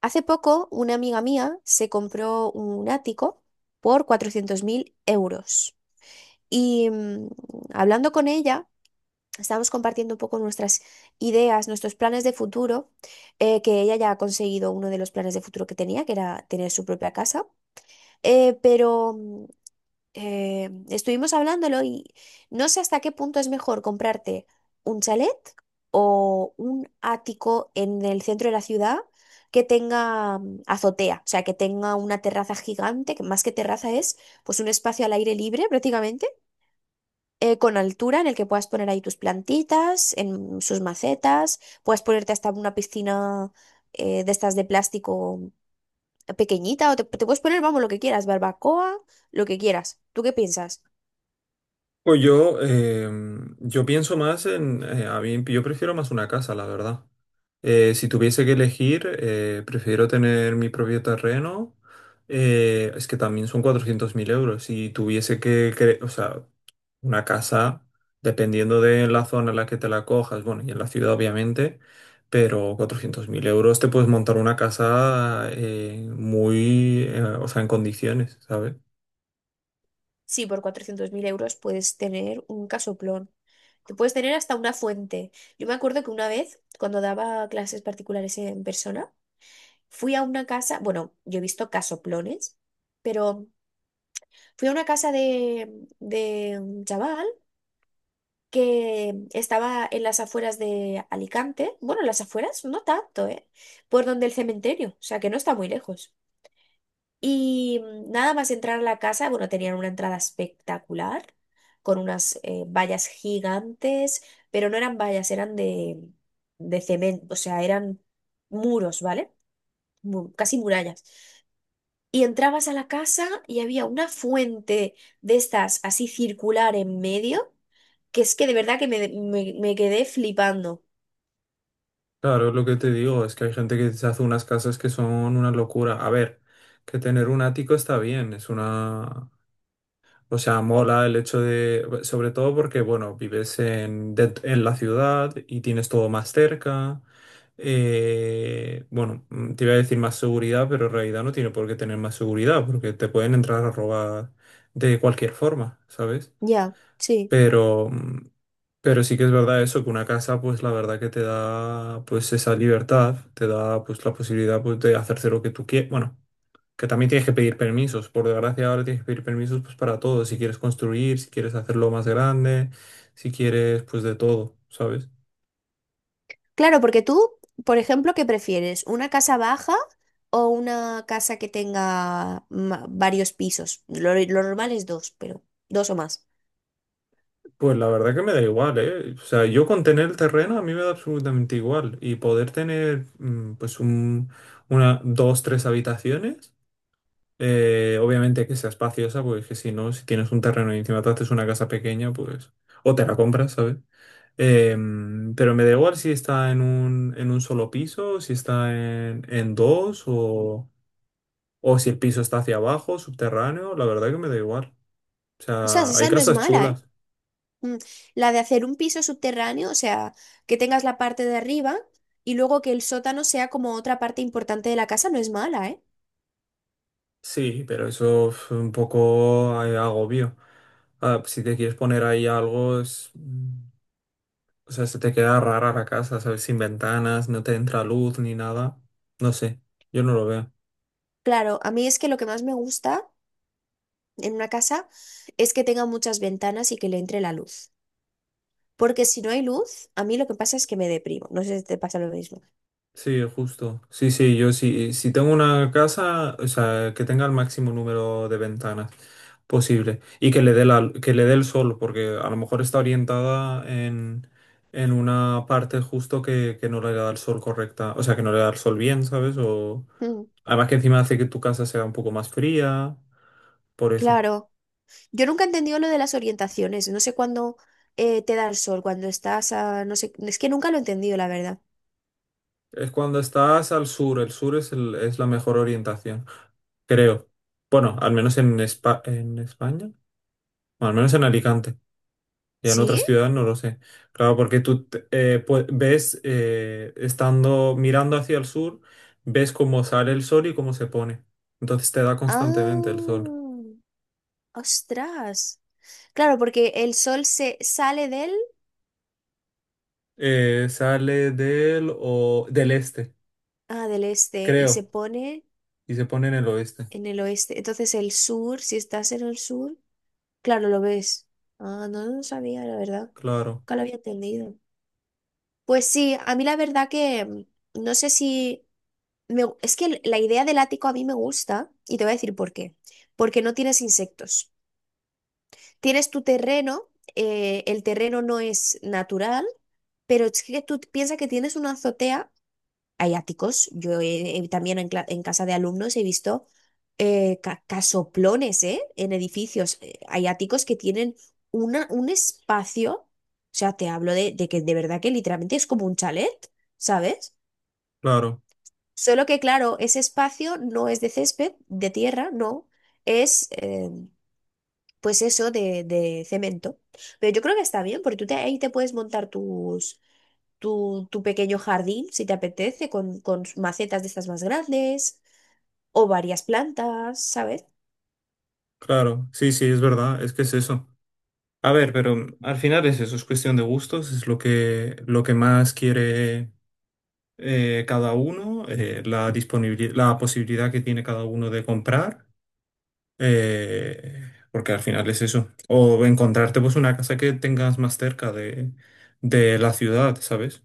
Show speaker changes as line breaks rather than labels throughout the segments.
Hace poco, una amiga mía se compró un ático por 400.000 euros. Y mm, hablando con ella, estábamos compartiendo un poco nuestras ideas, nuestros planes de futuro, que ella ya ha conseguido uno de los planes de futuro que tenía, que era tener su propia casa. Eh, pero mm, estuvimos hablándolo y no sé hasta qué punto es mejor comprarte un chalet o un ático en el centro de la ciudad que tenga azotea, o sea, que tenga una terraza gigante, que más que terraza es pues un espacio al aire libre prácticamente, con altura en el que puedas poner ahí tus plantitas, en sus macetas, puedes ponerte hasta una piscina de estas de plástico pequeñita o te puedes poner, vamos, lo que quieras, barbacoa, lo que quieras. ¿Tú qué piensas?
Pues yo pienso más a mí, yo prefiero más una casa, la verdad. Si tuviese que elegir, prefiero tener mi propio terreno. Es que también son 400.000 euros. Si tuviese o sea, una casa, dependiendo de la zona en la que te la cojas, bueno, y en la ciudad obviamente, pero 400.000 euros te puedes montar una casa muy, o sea, en condiciones, ¿sabes?
Sí, por 400.000 euros puedes tener un casoplón. Te puedes tener hasta una fuente. Yo me acuerdo que una vez, cuando daba clases particulares en persona, fui a una casa, bueno, yo he visto casoplones, pero fui a una casa de un chaval que estaba en las afueras de Alicante, bueno, en las afueras no tanto, ¿eh? Por donde el cementerio, o sea que no está muy lejos. Nada más entrar a la casa, bueno, tenían una entrada espectacular, con unas vallas gigantes, pero no eran vallas, eran de cemento, o sea, eran muros, ¿vale? Mu- casi murallas. Y entrabas a la casa y había una fuente de estas así circular en medio, que es que de verdad que me quedé flipando.
Claro, es lo que te digo, es que hay gente que se hace unas casas que son una locura. A ver, que tener un ático está bien, es una... O sea, mola el hecho de... Sobre todo porque, bueno, vives en la ciudad y tienes todo más cerca. Bueno, te iba a decir más seguridad, pero en realidad no tiene por qué tener más seguridad, porque te pueden entrar a robar de cualquier forma, ¿sabes?
Ya, sí.
Pero, mm, pero sí que es verdad eso, que una casa, pues la verdad que te da pues esa libertad, te da pues la posibilidad pues, de hacerse lo que tú quieras. Bueno, que también tienes que pedir permisos. Por desgracia, ahora tienes que pedir permisos pues para todo. Si quieres construir, si quieres hacerlo más grande, si quieres pues de todo, ¿sabes?
Claro, porque tú, por ejemplo, ¿qué prefieres? ¿Una casa baja o una casa que tenga ma- varios pisos? Lo normal es dos, pero dos o más.
Pues la verdad que me da igual, ¿eh? O sea, yo con tener el terreno a mí me da absolutamente igual. Y poder tener pues un, una, dos, tres habitaciones. Obviamente hay que sea espaciosa, porque es que si no, si tienes un terreno y encima te haces una casa pequeña, pues. O te la compras, ¿sabes? Pero me da igual si está en un solo piso, si está en dos, o si el piso está hacia abajo, subterráneo, la verdad que me da igual. O
O sea,
sea,
si
hay
esa no es
casas
mala, ¿eh?
chulas.
Mm, la de hacer un piso subterráneo, o sea, que tengas la parte de arriba y luego que el sótano sea como otra parte importante de la casa, no es mala, ¿eh?
Sí, pero eso es un poco agobio. Ah, si te quieres poner ahí algo, es. O sea, se te queda rara la casa, ¿sabes? Sin ventanas, no te entra luz ni nada. No sé, yo no lo veo.
Claro, a mí es que lo que más me gusta en una casa es que tenga muchas ventanas y que le entre la luz. Porque si no hay luz, a mí lo que pasa es que me deprimo. No sé si te pasa lo mismo.
Sí, justo. Sí, sí, yo sí. Si tengo una casa, o sea, que tenga el máximo número de ventanas posible y que le dé el sol, porque a lo mejor está orientada en una parte justo que no le da el sol correcta, o sea, que no le da el sol bien, ¿sabes? O
Mm.
además que encima hace que tu casa sea un poco más fría, por eso.
Claro, yo nunca he entendido lo de las orientaciones, no sé cuándo te da el sol, cuando estás a, no sé, es que nunca lo he entendido, la verdad.
Es cuando estás al sur, el sur es la mejor orientación, creo. Bueno, al menos en España, o al menos en Alicante, y en
¿Sí?
otras ciudades no lo sé. Claro, porque tú ves, estando mirando hacia el sur, ves cómo sale el sol y cómo se pone. Entonces te da constantemente el
Ah,
sol.
ostras. Claro, porque el sol se sale del,
Sale del este,
Ah, del este y se
creo,
pone
y se pone en el oeste.
en el oeste, entonces el sur, si estás en el sur, claro, lo ves. Ah, no lo sabía, la verdad,
Claro,
nunca lo había entendido. Pues sí, a mí la verdad que no sé si... Me gu- es que la idea del ático a mí me gusta y te voy a decir por qué. Porque no tienes insectos. Tienes tu terreno, el terreno no es natural, pero es que tú piensas que tienes una azotea, hay áticos, también en, cla- en casa de alumnos he visto ca- casoplones, ¿eh? En edificios, hay áticos que tienen un espacio, o sea, te hablo de que de verdad que literalmente es como un chalet, ¿sabes?
claro,
Solo que, claro, ese espacio no es de césped, de tierra, no, es pues eso de cemento. Pero yo creo que está bien, porque tú te- ahí te puedes montar tu pequeño jardín, si te apetece, con macetas de estas más grandes o varias plantas, ¿sabes?
claro. Sí, sí, es verdad, es que es eso. A ver, pero al final es eso, es cuestión de gustos, es lo que, lo que, más quiere cada uno, la disponibilidad, la posibilidad que tiene cada uno de comprar, porque al final es eso. O encontrarte pues una casa que tengas más cerca de la ciudad, ¿sabes?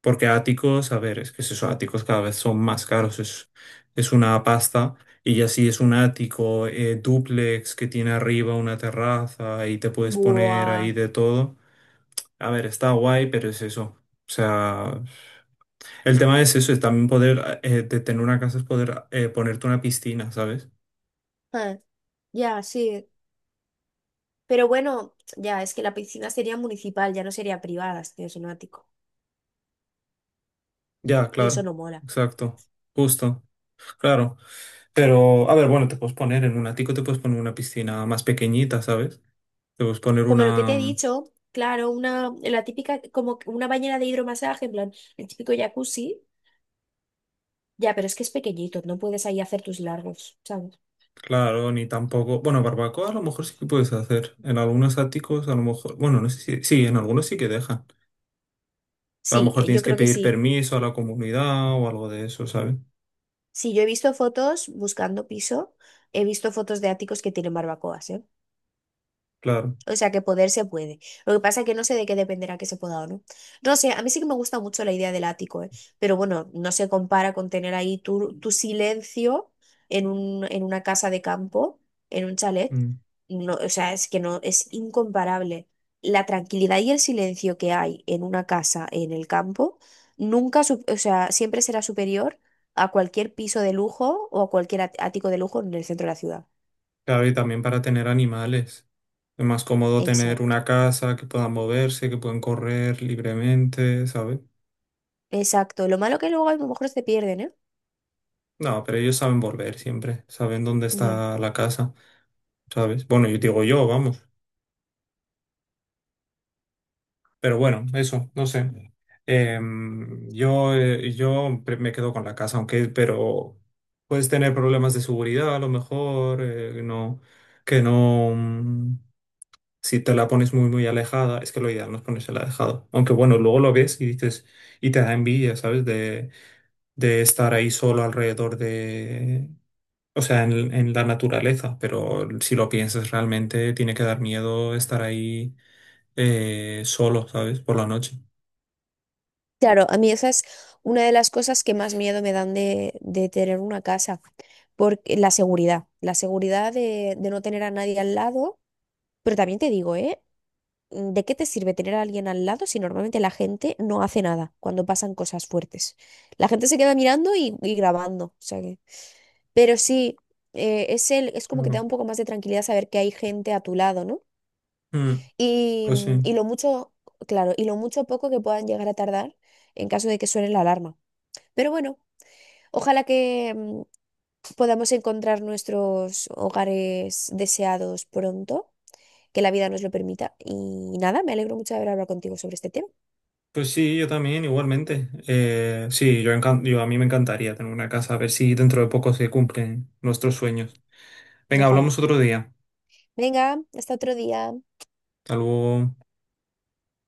Porque áticos, a ver, es que es eso, áticos cada vez son más caros, es una pasta. Y ya si es un ático, dúplex que tiene arriba una terraza y te puedes poner
Buah.
ahí de todo. A ver, está guay, pero es eso. O sea, el tema es eso, es también poder, de tener una casa es poder ponerte una piscina, ¿sabes?
Ah, ya, sí. Pero bueno, ya, es que la piscina sería municipal, ya no sería privada, si tienes un ático.
Ya,
Y eso
claro,
no mola.
exacto, justo, claro. Pero, a ver, bueno, te puedes poner en un ático, te puedes poner una piscina más pequeñita, ¿sabes? Te puedes poner
Como lo que te he
una,
dicho, claro, la típica, como que una bañera de hidromasaje, en plan, el típico jacuzzi, ya, pero es que es pequeñito, no puedes ahí hacer tus largos, ¿sabes?
claro, ni tampoco, bueno, barbacoa a lo mejor sí que puedes hacer. En algunos áticos, a lo mejor, bueno, no sé si, sí, en algunos sí que dejan. A lo
Sí,
mejor tienes
yo
que
creo que
pedir
sí.
permiso a la comunidad o algo de eso, ¿sabes?
Sí, yo he visto fotos buscando piso, he visto fotos de áticos que tienen barbacoas, ¿eh?
Claro.
O sea, que poder se puede. Lo que pasa es que no sé de qué dependerá que se pueda o no. No sé, a mí sí que me gusta mucho la idea del ático, ¿eh? Pero bueno, no se compara con tener ahí tu silencio en una casa de campo, en un chalet.
Mm.
No, o sea, es que no, es incomparable. La tranquilidad y el silencio que hay en una casa en el campo, nunca, su- o sea, siempre será superior a cualquier piso de lujo o a cualquier at- ático de lujo en el centro de la ciudad.
Claro, y también para tener animales. Es más cómodo tener
Exacto.
una casa que puedan moverse, que pueden correr libremente, ¿sabes?
Exacto. Lo malo que luego a lo mejor se pierden, ¿eh?
No, pero ellos saben volver siempre, saben dónde
Ya.
está la casa, ¿sabes? Bueno, yo digo yo, vamos. Pero bueno, eso, no sé. Yo me quedo con la casa, aunque, pero puedes tener problemas de seguridad a lo mejor, no, que no, si te la pones muy, muy alejada, es que lo ideal no es ponérsela alejado. Aunque bueno, luego lo ves y dices, y te da envidia, ¿sabes? De estar ahí solo alrededor de, o sea, en la naturaleza, pero si lo piensas realmente, tiene que dar miedo estar ahí solo, ¿sabes? Por la noche.
Claro, a mí esa es una de las cosas que más miedo me dan de tener una casa, porque la seguridad de no tener a nadie al lado, pero también te digo, ¿eh? Mm, ¿de qué te sirve tener a alguien al lado si normalmente la gente no hace nada cuando pasan cosas fuertes? La gente se queda mirando y grabando, o sea que... Pero sí, es el, es como que te da
Claro.
un poco más de tranquilidad saber que hay gente a tu lado, ¿no?
Mm,
Y,
pues sí.
y lo mucho, claro, y lo mucho o poco que puedan llegar a tardar en caso de que suene la alarma. Pero bueno, ojalá que podamos encontrar nuestros hogares deseados pronto, que la vida nos lo permita. Y nada, me alegro mucho de haber hablado contigo sobre este tema.
Pues sí, yo también, igualmente. Sí, yo, encan- yo a mí me encantaría tener una casa, a ver si dentro de poco se cumplen nuestros sueños. Venga,
Ojalá.
hablamos otro día.
Venga, hasta otro día.
Hasta luego.